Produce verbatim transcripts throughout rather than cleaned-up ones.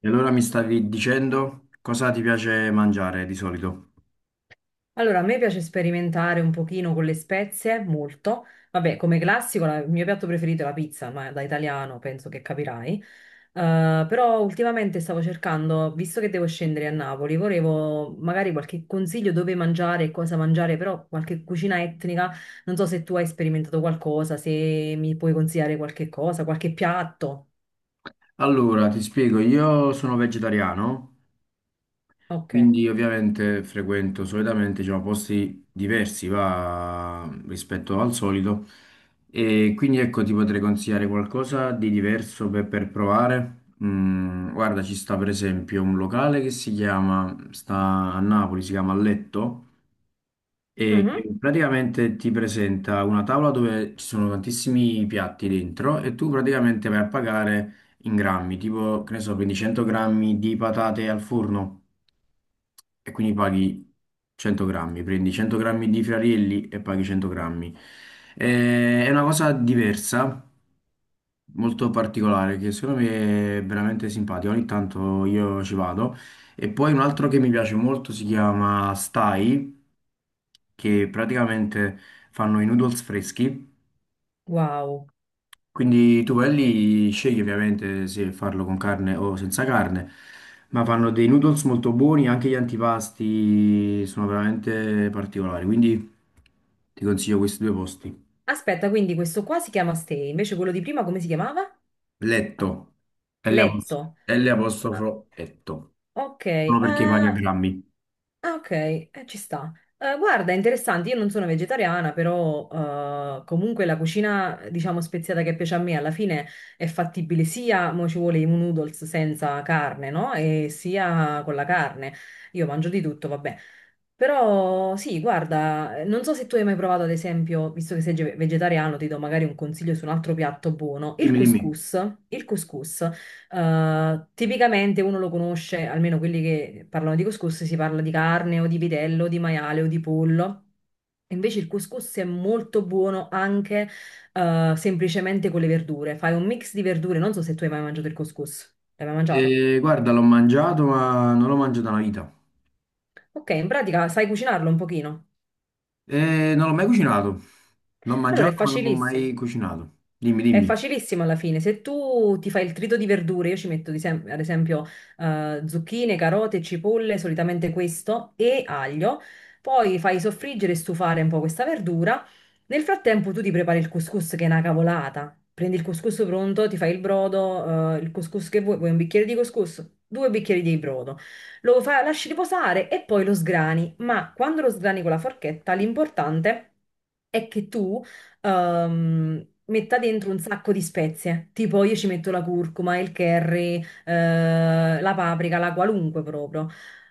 E allora mi stavi dicendo cosa ti piace mangiare di solito? Allora, a me piace sperimentare un pochino con le spezie, molto. Vabbè, come classico, la- il mio piatto preferito è la pizza, ma da italiano penso che capirai. Eh, però ultimamente stavo cercando, visto che devo scendere a Napoli, volevo magari qualche consiglio dove mangiare e cosa mangiare, però qualche cucina etnica. Non so se tu hai sperimentato qualcosa, se mi puoi consigliare qualche cosa, qualche piatto. Allora, ti spiego, io sono vegetariano, Ok. quindi ovviamente frequento solitamente, diciamo, posti diversi va, rispetto al solito e quindi ecco ti potrei consigliare qualcosa di diverso per, per provare. Mm, guarda, ci sta per esempio un locale che si chiama, sta a Napoli, si chiama Letto e Mhm. che praticamente ti presenta una tavola dove ci sono tantissimi piatti dentro e tu praticamente vai a pagare in grammi, tipo, che ne so, prendi cento grammi di patate al forno e quindi paghi cento grammi, prendi cento grammi di friarielli e paghi cento grammi. Eh, è una cosa diversa molto particolare che secondo me è veramente simpatico. Ogni tanto io ci vado. E poi un altro che mi piace molto si chiama Stai, che praticamente fanno i noodles freschi. Wow. Quindi tu vai lì, scegli ovviamente se farlo con carne o senza carne, ma fanno dei noodles molto buoni, anche gli antipasti sono veramente particolari. Quindi ti consiglio questi due posti. Aspetta, quindi questo qua si chiama Stay, invece quello di prima come si chiamava? Letto, L apos- Letto. L Ah, apostrofo, Letto. ok, eh, No, perché paghi a ah, grammi. ok, eh, ci sta. Eh, guarda, è interessante, io non sono vegetariana, però eh, comunque la cucina, diciamo, speziata che piace a me alla fine è fattibile sia, mo ci vuole i noodles senza carne, no? E sia con la carne. Io mangio di tutto, vabbè. Però sì, guarda, eh, non so se tu hai mai provato, ad esempio, visto che sei ge- vegetariano, ti do magari un consiglio su un altro piatto buono, il Dimmi, dimmi. couscous. Il couscous. Eh, tipicamente uno lo conosce, almeno quelli che parlano di couscous, si parla di carne o di vitello, di maiale o di pollo. Invece il couscous è molto buono anche eh, semplicemente con le verdure. Fai un mix di verdure, non so se tu hai mai mangiato il couscous. L'hai mai mangiato? Eh, guarda, l'ho mangiato, ma non l'ho mangiato una vita. Ok, in pratica sai cucinarlo un pochino. Eh, non l'ho mai cucinato. L'ho Allora è mangiato, ma non l'ho facilissimo. mai cucinato. Dimmi, È dimmi. facilissimo alla fine. Se tu ti fai il trito di verdure, io ci metto di sem- ad esempio eh, zucchine, carote, cipolle, solitamente questo, e aglio. Poi fai soffriggere e stufare un po' questa verdura. Nel frattempo tu ti prepari il couscous che è una cavolata. Prendi il couscous pronto, ti fai il brodo, eh, il couscous che vuoi, vuoi un bicchiere di couscous, due bicchieri di brodo. Lo fa- lasci riposare e poi lo sgrani. Ma quando lo sgrani con la forchetta, l'importante è che tu ehm, metta dentro un sacco di spezie, tipo io ci metto la curcuma, il curry, eh, la paprika, la qualunque proprio.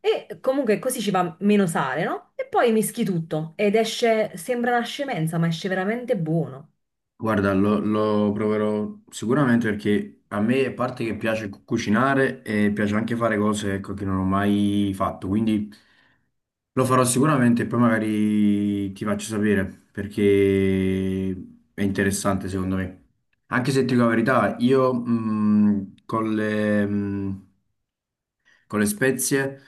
E comunque così ci va meno sale, no? E poi mischi tutto ed esce, sembra una scemenza, ma esce veramente buono. Guarda, lo, lo proverò sicuramente perché a me, a parte che piace cu- cucinare, e piace anche fare cose, ecco, che non ho mai fatto. Quindi. Lo farò sicuramente, e poi magari ti faccio sapere perché è interessante secondo me. Anche se ti dico la verità, io mh, con le, mh, con le spezie,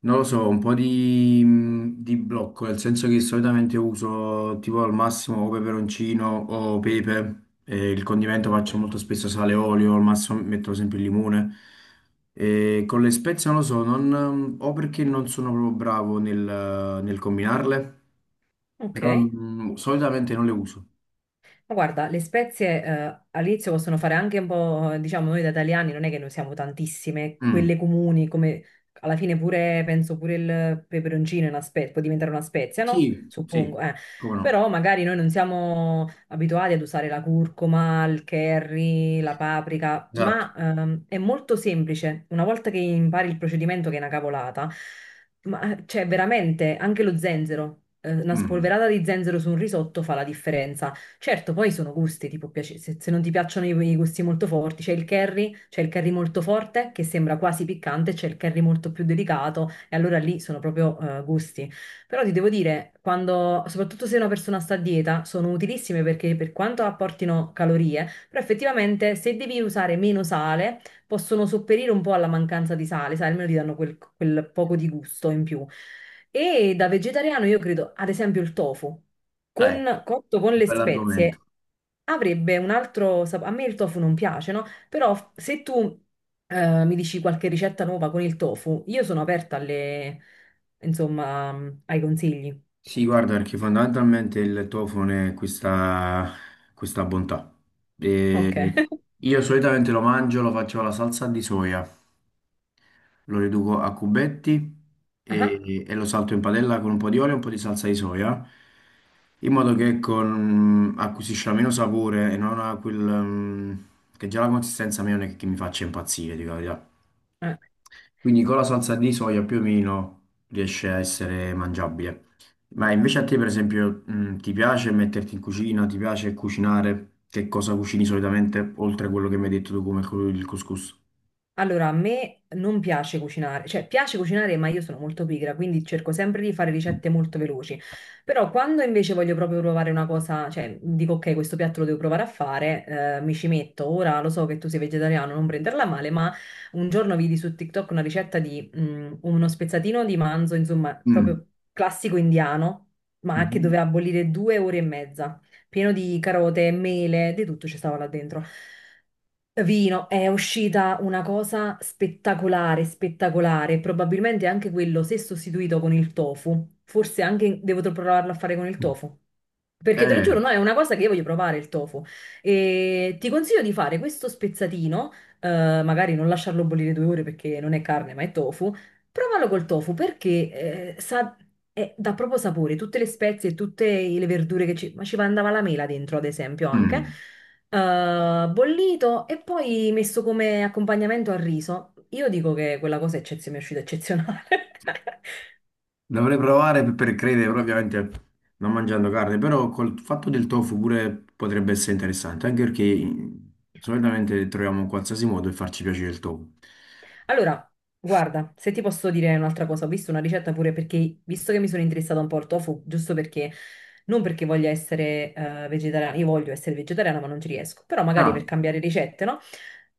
non lo so, un po' di, di blocco, nel senso che solitamente uso tipo al massimo o peperoncino o pepe, e il condimento faccio molto spesso sale e olio, al massimo metto sempre il limone. E con le spezie non lo so, non- o perché non sono proprio bravo nel, nel combinarle, però Ok. mm, solitamente non le uso. Ma guarda, le spezie eh, all'inizio possono fare anche un po', diciamo, noi da italiani non è che ne usiamo tantissime, Mm. quelle comuni, come alla fine pure, penso pure il peperoncino è una spe- può diventare una spezia, no? Sì, sì, Suppongo, eh. come no, Però magari noi non siamo abituati ad usare la curcuma, il curry, la paprika, esatto. ma ehm, è molto semplice. Una volta che impari il procedimento, che è una cavolata, ma cioè veramente anche lo zenzero, eh, una Mm. spolverata di zenzero su un risotto fa la differenza. Certo, poi sono gusti, tipo, piace- se, se non ti piacciono i, i gusti molto forti, c'è il curry, c'è il curry molto forte che sembra quasi piccante, c'è il curry molto più delicato e allora lì sono proprio eh, gusti. Però ti devo dire, quando, soprattutto se una persona sta a dieta, sono utilissime perché per quanto apportino calorie, però effettivamente se devi usare meno sale, possono sopperire un po' alla mancanza di sale, sai, almeno ti danno quel quel poco di gusto in più. E da vegetariano io credo, ad esempio, il tofu Eh, con, cotto con le bell'argomento. spezie avrebbe un altro sapore. A me il tofu non piace, no? Però f- se tu eh, mi dici qualche ricetta nuova con il tofu, io sono aperta alle, insomma, ai consigli. Sì, guarda, perché fondamentalmente il tofone è questa, questa bontà. Ok. E io solitamente lo mangio, lo faccio alla salsa di soia, lo riduco a cubetti e, e lo salto in padella con un po' di olio e un po' di salsa di soia, in modo che con- acquisisca meno sapore e non ha quel... mm, che già la consistenza mia non è che mi faccia impazzire, dico la verità. Ah, eh. Quindi con la salsa di soia più o meno riesce a essere mangiabile. Ma invece a te, per esempio, mh, ti piace metterti in cucina? Ti piace cucinare? Che cosa cucini solitamente, oltre a quello che mi hai detto tu come cu- il couscous? Allora, a me non piace cucinare, cioè piace cucinare, ma io sono molto pigra, quindi cerco sempre di fare ricette molto veloci. Però quando invece voglio proprio provare una cosa, cioè dico ok, questo piatto lo devo provare a fare, eh, mi ci metto. Ora lo so che tu sei vegetariano, non prenderla male, ma un giorno vidi su TikTok una ricetta di mm, uno spezzatino di manzo, insomma, Mm. proprio classico indiano, ma che Mhm. doveva bollire due ore e mezza pieno di carote, mele, di tutto ci stava là dentro. Vino, è uscita una cosa spettacolare, spettacolare. Probabilmente anche quello, se sostituito con il tofu, forse anche devo provarlo a fare con il tofu. Perché te lo Eh, giuro, no, è una cosa che io voglio provare il tofu. E ti consiglio di fare questo spezzatino, eh, magari non lasciarlo bollire due ore perché non è carne ma è tofu. Provalo col tofu perché eh, sa, eh, dà proprio sapore, tutte le spezie e tutte le verdure che ci... Ma ci andava la mela dentro, ad esempio, anche. mm. Eh, bollito e poi messo come accompagnamento al riso. Io dico che quella cosa è eccezio- mi è uscita eccezionale. Dovrei provare per, per credere, però ovviamente non mangiando carne, però col fatto del tofu pure potrebbe essere interessante, anche perché mm, solitamente troviamo qualsiasi modo per farci piacere il tofu. Allora, guarda, se ti posso dire un'altra cosa, ho visto una ricetta pure perché, visto che mi sono interessata un po' al tofu, giusto perché, non perché voglia essere eh, vegetariana, io voglio essere vegetariana ma non ci riesco, però magari Ah, per cambiare ricette, no?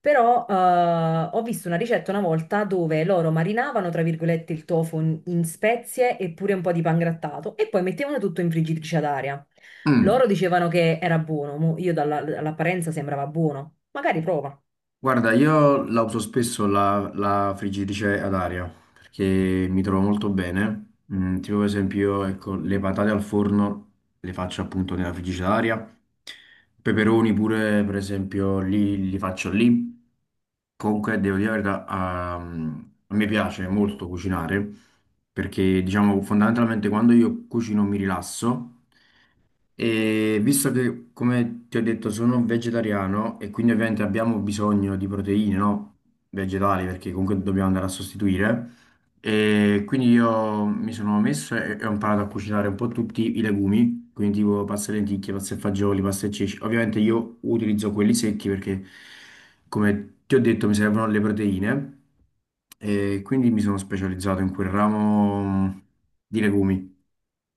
Però eh, ho visto una ricetta una volta dove loro marinavano, tra virgolette, il tofu in, in spezie e pure un po' di pangrattato e poi mettevano tutto in friggitrice ad aria. mm. Loro dicevano che era buono, mo io dalla- dall'apparenza sembrava buono, magari prova. Guarda, io la uso spesso la, la friggitrice ad aria perché mi trovo molto bene. Mm, tipo per esempio, ecco, le patate al forno le faccio appunto nella friggitrice ad aria. Peperoni pure, per esempio, li, li faccio lì. Comunque, devo dire la verità, a, a me piace molto cucinare perché, diciamo, fondamentalmente quando io cucino mi rilasso e visto che, come ti ho detto, sono vegetariano e quindi ovviamente abbiamo bisogno di proteine, no? Vegetali, perché comunque dobbiamo andare a sostituire. E quindi io mi sono messo e, e ho imparato a cucinare un po' tutti i legumi, quindi tipo pasta e lenticchie, pasta e fagioli, pasta e ceci. Ovviamente io utilizzo quelli secchi perché, come ti ho detto, mi servono le proteine e quindi mi sono specializzato in quel ramo mm, di legumi.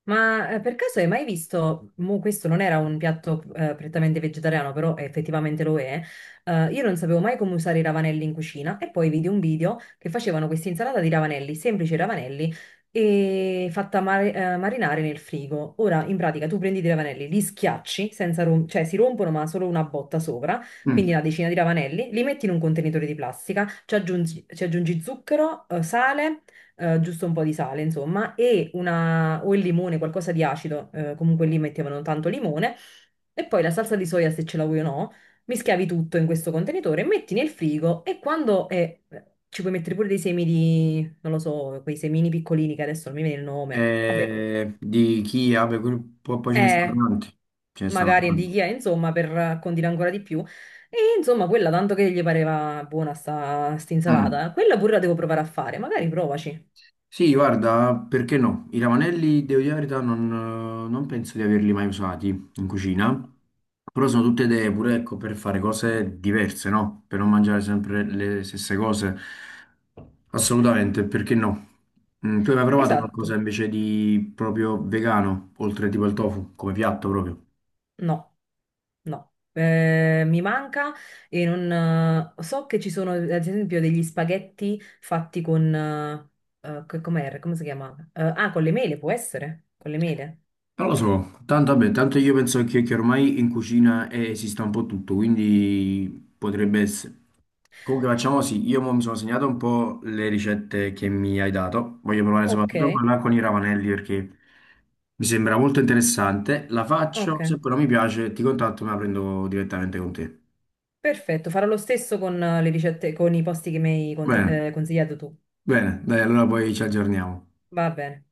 Ma eh, per caso hai mai visto, mo questo non era un piatto eh, prettamente vegetariano, però effettivamente lo è, eh, io non sapevo mai come usare i ravanelli in cucina e poi vidi un video che facevano questa insalata di ravanelli, semplici ravanelli, e fatta mar- eh, marinare nel frigo. Ora, in pratica, tu prendi dei ravanelli, li schiacci, senza rom- cioè si rompono ma solo una botta sopra, quindi Mm. una decina di ravanelli, li metti in un contenitore di plastica, ci aggiungi, ci aggiungi zucchero, eh, sale eh, giusto un po' di sale, insomma, e una, o il limone, qualcosa di acido, eh, comunque lì mettevano tanto limone, e poi la salsa di soia, se ce la vuoi o no, mischiavi tutto in questo contenitore, metti nel frigo e quando è- eh, ci puoi mettere pure dei semi di, non lo so, quei semini piccolini che adesso non mi viene il nome, vabbè, co- Eh, di chi vabbè, quel- poi, poi ce ne sono eh, tanti. Ce ne sono magari di tanti. chia, insomma, per condire ancora di più. E insomma, quella tanto che gli pareva buona sta, sta Mm. insalata, quella pure la devo provare a fare, magari provaci. Sì, guarda, perché no? I ravanelli, devo dire la verità, non, eh, non penso di averli mai usati in cucina. Però sono tutte idee pure, ecco, per fare cose diverse, no? Per non mangiare sempre le stesse cose. Assolutamente, perché no? Mm, tu hai mai provato qualcosa Esatto. invece di proprio vegano, oltre tipo il tofu, come piatto proprio? No. No, eh, mi manca e non... eh, so che ci sono ad esempio degli spaghetti fatti con... eh, eh, co- com'era? Come si chiama? Eh, ah, con le mele, può essere? Con le mele. Non lo so, tanto, vabbè, tanto io penso che, che ormai in cucina eh, esista un po' tutto, quindi potrebbe essere. Comunque facciamo sì, io mo mi sono segnato un po' le ricette che mi hai dato, voglio provare Ok, soprattutto quella con i ravanelli perché mi sembra molto interessante, la ok, faccio, se poi non mi piace ti contatto e me la prendo direttamente con te. perfetto. Farò lo stesso con eh, le ricette, con i posti che mi hai cont- Bene, eh, consigliato tu. bene, dai, allora poi ci aggiorniamo. Va bene.